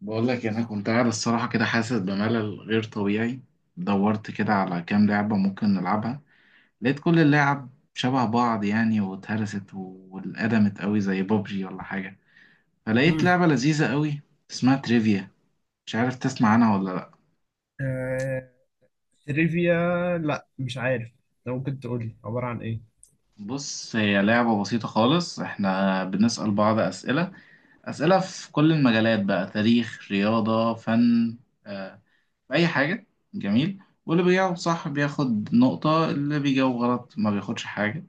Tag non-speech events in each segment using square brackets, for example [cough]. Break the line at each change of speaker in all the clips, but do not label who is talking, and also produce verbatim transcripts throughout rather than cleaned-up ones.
بقول لك انا كنت قاعد الصراحه كده حاسس بملل غير طبيعي. دورت كده على كام لعبه ممكن نلعبها. لقيت كل اللعب شبه بعض، يعني واتهرست و- واتقدمت قوي زي بابجي ولا حاجه. فلقيت
امم
لعبه لذيذه قوي اسمها تريفيا. مش عارف تسمع عنها ولا لا.
آه... تريفيا. لا، مش عارف. لو ممكن تقول لي عبارة عن ايه؟
بص هي لعبه بسيطه خالص، احنا بنسال بعض اسئله. اسئله في كل المجالات بقى، تاريخ رياضه فن، آه، بأي حاجة. جميل، واللي بيجاوب صح بياخد نقطة، اللي بيجاوب غلط ما بياخدش حاجة.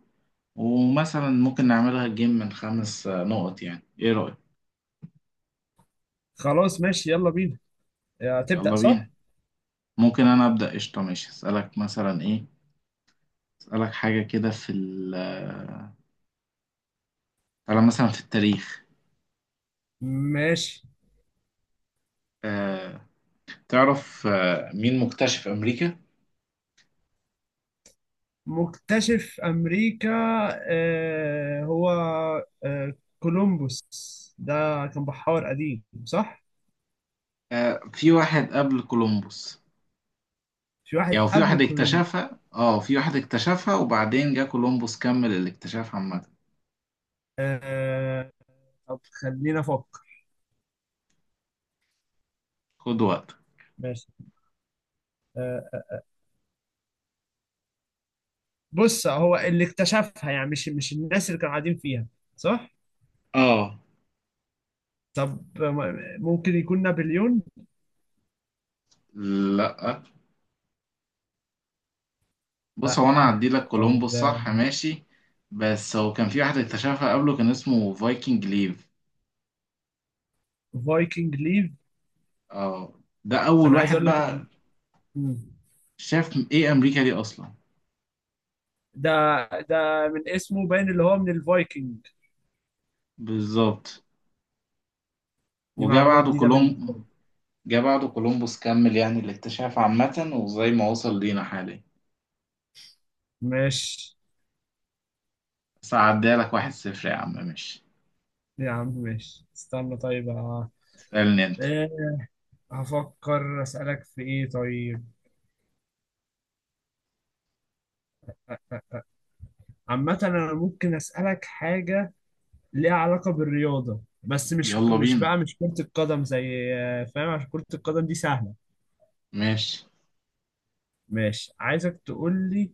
ومثلا ممكن نعملها جيم من خمس آه، نقط. يعني ايه رأيك؟
خلاص ماشي، يلا بينا. آه، تبدأ
يلا بينا.
صح؟
ممكن انا ابدأ؟ قشطة، ماشي. اسألك مثلا ايه؟ اسألك حاجة كده في ال آه، على مثلا في التاريخ.
ماشي.
آه، تعرف آه مين مكتشف امريكا؟
مكتشف أمريكا. آه... هو آه... كولومبوس ده. كان بحار قديم، صح؟
آه، في واحد قبل كولومبوس.
في واحد
يعني في
قبل
واحد
كولومبوس؟
اكتشفها، اه في واحد اكتشفها وبعدين جه كولومبوس كمل الاكتشاف عامة.
آه... طب خلينا أفكر.
خد وقت.
ماشي. آه... بص، هو اللي اكتشفها، يعني مش مش الناس اللي كانوا قاعدين فيها، صح.
اه،
طب، آه، ممكن يكون نابليون؟
لا بص
لا.
هو انا هعدي لك كولومبوس،
طب،
صح ماشي. بس هو كان في واحد اكتشفها قبله، كان اسمه فايكنج ليف.
فايكنج ليف.
اه، ده اول
انا عايز
واحد
اقول لك إن-
بقى
مم.
شاف ايه امريكا دي اصلا.
ده ده من اسمه باين، اللي هو من الفايكنج.
بالظبط.
دي
وجا
معلومة
بعده
جديدة بالنسبة
كولوم
لي.
جا بعده كولومبوس، كمل يعني الاكتشاف عامة وزي ما وصل لينا حاليا.
ماشي
بس هعديها لك، واحد صفر يا عم، ماشي.
يا عم، ماشي، استنى طيب. آه.
اسألني انت.
إيه، هفكر اسألك في ايه طيب. عامة انا ممكن اسألك حاجة ليها علاقة بالرياضة، بس مش
يلا
مش
بينا،
بقى مش كرة القدم، زي آه، فاهم؟ عشان كرة القدم دي سهلة.
ماشي.
ماشي، عايزك تقول لي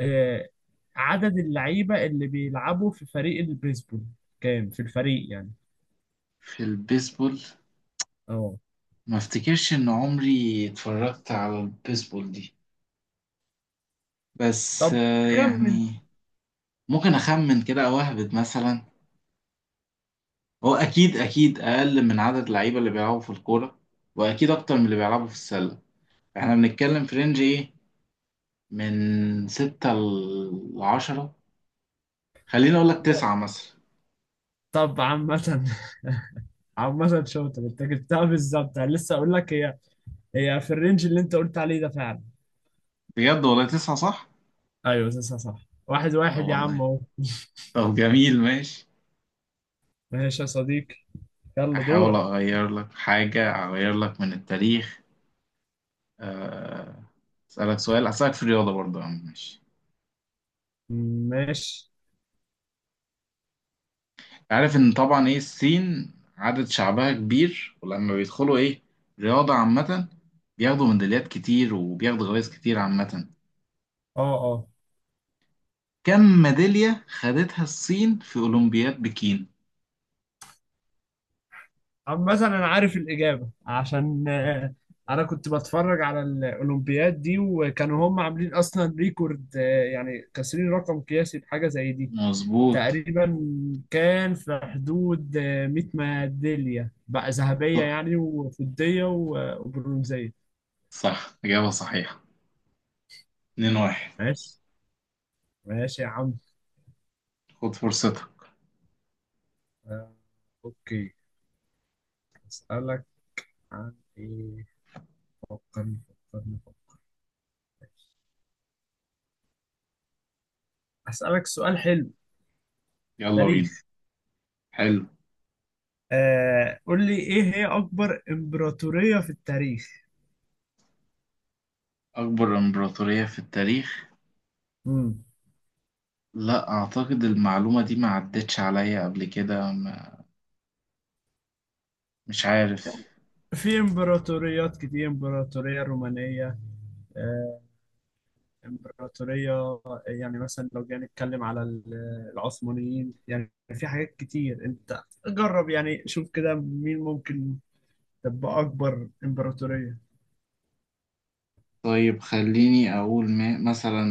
آه، عدد اللعيبة اللي بيلعبوا في فريق البيسبول، كام في الفريق يعني؟
في البيسبول؟
اه.
ما افتكرش ان عمري اتفرجت على البيسبول دي، بس
طب
آه،
خمن.
يعني ممكن اخمن كده او اهبد مثلا. هو اكيد اكيد اقل من عدد اللعيبه اللي بيلعبوا في الكوره، واكيد اكتر من اللي بيلعبوا في السله. احنا بنتكلم في رينج ايه، من ستة لعشرة. خليني اقول لك تسعة مثلا.
طب، عامة [laughs] عامة شاطر انت، جبتها بالظبط. انا لسه اقول لك، هي هي في الرينج اللي انت قلت عليه ده فعلا.
بجد والله تسعة صح؟
ايوه، تسعة صح. واحد
اه
واحد يا عم،
والله.
اهو. [laughs]
طب جميل ماشي.
ماشي يا صديقي، يلا
احاول
دورك.
اغير لك حاجة، اغير لك من التاريخ. أه... اسألك سؤال، اسألك في الرياضة برضه يا عم، ماشي.
ماشي.
عارف ان طبعا ايه الصين عدد شعبها كبير، ولما بيدخلوا ايه رياضة عامة بياخدوا ميداليات كتير وبياخدوا جوائز كتير عامة.
اه، اه.
كم ميدالية خدتها الصين في أولمبياد بكين؟
عامة أنا عارف الإجابة، عشان آه، أنا كنت بتفرج على الأولمبياد دي، وكانوا هم عاملين أصلا ريكورد، آه، يعني كاسرين رقم قياسي بحاجة زي دي.
مظبوط.
تقريبا كان في حدود آه، مية ميدالية بقى، ذهبية
صح،
يعني وفضية و- وبرونزية.
صح، إجابة صحيحة. اتنين واحد.
ماشي. ماشي يا عم.
خد فرصتك.
آه، أوكي. أسألك عن إيه؟ فكرني، فكرني، فكرني. أسألك سؤال حلو.
يلا
تاريخ.
بينا، حلو.
آه قول لي، ايه هي اكبر امبراطورية في التاريخ؟
أكبر إمبراطورية في التاريخ.
امم
لا أعتقد المعلومة دي ما عدتش عليا قبل كده، ما- مش عارف.
في امبراطوريات كتير: امبراطورية رومانية، آه امبراطورية، يعني مثلا لو جينا نتكلم على ال- العثمانيين. يعني في حاجات كتير، انت جرب، يعني شوف كده مين ممكن تبقى اكبر امبراطورية.
طيب خليني أقول ما مثلا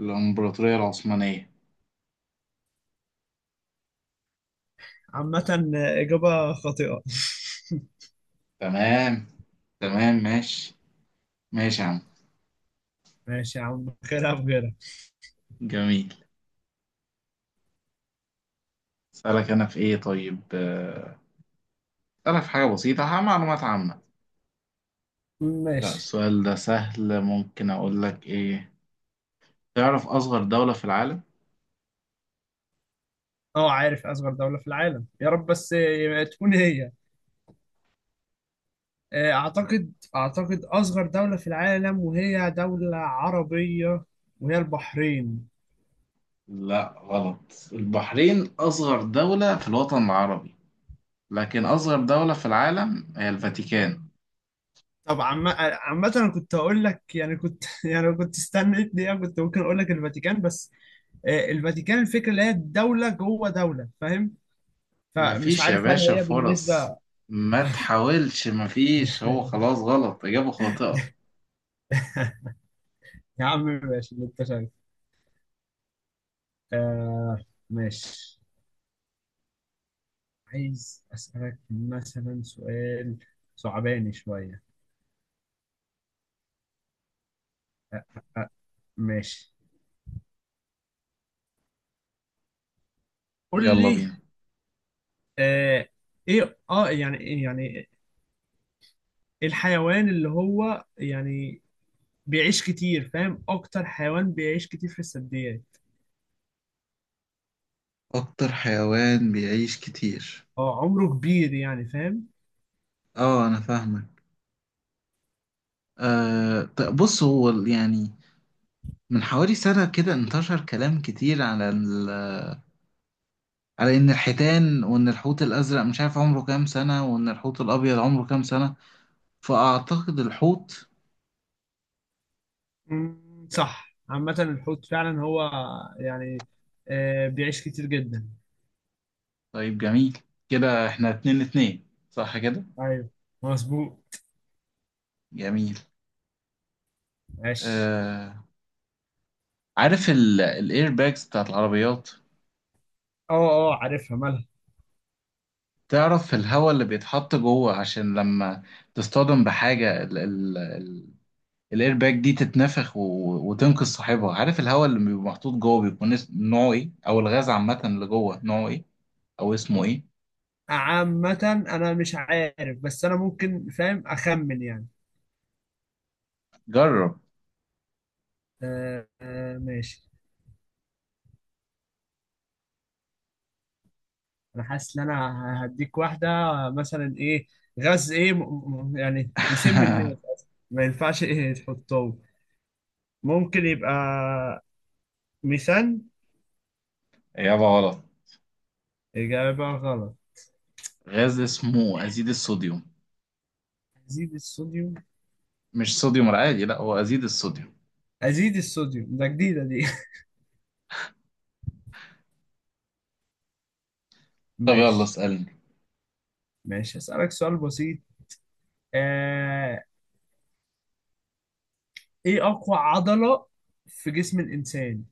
الإمبراطورية العثمانية.
عامة آه، اجابة خاطئة. [laughs]
تمام، تمام ماشي، ماشي يا عم.
ماشي يا عم، خيرها بغيرها.
جميل. أسألك أنا في إيه طيب؟ آه، أسألك في حاجة بسيطة، ح- معلومات عامة. لا
ماشي.
السؤال ده سهل، ممكن أقول لك إيه. تعرف أصغر دولة في العالم؟
اه، عارف اصغر دولة في العالم، يا رب بس آه، تكون هي. آه، أعتقد أعتقد أصغر دولة في العالم، وهي دولة عربية، وهي البحرين.
لا، غلط. البحرين أصغر دولة في الوطن العربي، لكن أصغر دولة في العالم هي الفاتيكان.
طب عم- عامة أنا كنت أقول لك، يعني كنت [laughs] يعني لو كنت استنيت دقيقة كنت ممكن أقول لك الفاتيكان، بس آه، الفاتيكان، الفكرة اللي هي دولة جوه دولة، فاهم؟ فمش
مفيش يا
عارف هل
باشا
هي
فرص،
بالنسبة.
ما تحاولش مفيش، هو
[laughs]
خلاص غلط، إجابة خاطئة.
يا عم ماشي، اللي أنت شايفه. آه ماشي. عايز أسألك مثلا سؤال، صعباني شوية. آه، آه، آه، ماشي، قول
يلا
لي.
بينا.
آه ايه، اه يعني يعني الحيوان اللي هو، يعني بيعيش كتير، فاهم؟ اكتر حيوان بيعيش كتير في الثدييات.
أكتر حيوان بيعيش كتير.
اه، عمره كبير يعني، فاهم؟
اه أنا فاهمك. أه، طب بص هو ال- يعني من حوالي سنة كده انتشر كلام كتير على ال... على إن الحيتان وإن الحوت الأزرق مش عارف عمره كام سنة، وإن الحوت الأبيض عمره كام سنة. فأعتقد الحوت.
مم. صح. عامة الحوت فعلا هو، يعني آه بيعيش كتير جدا.
طيب جميل. كده إحنا اتنين اتنين، صح كده؟
ايوه مظبوط.
جميل.
ماشي.
أه، عارف ال... الإير باجز بتاعت العربيات؟
اه، اه. عارفها، مالها؟
تعرف الهواء اللي بيتحط جوه عشان لما تصطدم بحاجة الايرباك دي تتنفخ و... وتنقذ صاحبها؟ عارف الهواء اللي بيبقى محطوط جوه بيكون اس- نوعه ايه، او الغاز عامه اللي جوه نوعه ايه، او اسمه ايه؟
عامة انا مش عارف، بس انا ممكن فاهم اخمن يعني.
جرب.
آه آه ماشي. انا حاسس ان انا هديك واحده. مثلا ايه؟ غاز ايه، م- م- يعني يسم الناس
[laughs]
أصلاً. ما ينفعش ايه تحطه. ممكن يبقى ميثان.
اجابه غلط.
اجابه غلط.
غاز اسمه ازيد الصوديوم،
ازيد الصوديوم.
مش صوديوم العادي، لا هو ازيد الصوديوم.
ازيد الصوديوم ده جديده دي. [laughs]
طب يلا
ماشي.
اسالني.
ماشي، هسألك سؤال بسيط. آه... ايه اقوى عضله في جسم الانسان؟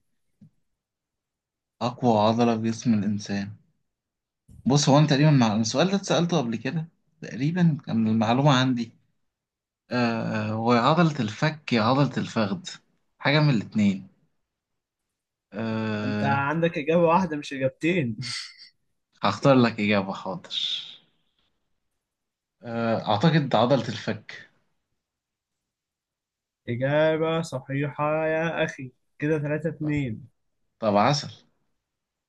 اقوى عضله في جسم الانسان. بص هو انا تقريبا مع... السؤال ده اتسالته قبل كده، تقريبا كان المعلومه عندي. آه... هو يا عضله الفك يا عضله الفخذ، حاجه من الاتنين.
انت
آه...
عندك اجابه واحده مش اجابتين. [laughs]
هختار لك إجابة، حاضر. آه، أعتقد عضلة الفك.
اجابه صحيحه يا اخي. كده ثلاثة اثنين.
طب عسل.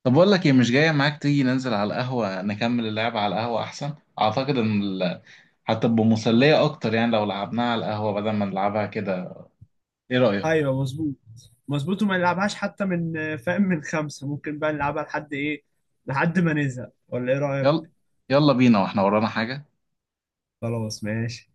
طب أقول لك إيه، مش جاية معاك تيجي ننزل على القهوة نكمل اللعبة على القهوة أحسن؟ أعتقد إن ال- هتبقى مسلية أكتر، يعني لو لعبناها على القهوة بدل ما نلعبها كده. إيه رأيك؟
ايوه مظبوط، مظبوط. وما نلعبهاش حتى من، فاهم، من خمسة ممكن بقى نلعبها لحد ايه؟ لحد ما نزهق، ولا ايه
يلا،
رأيك؟
يلا بينا وإحنا ورانا حاجة.
خلاص ماشي.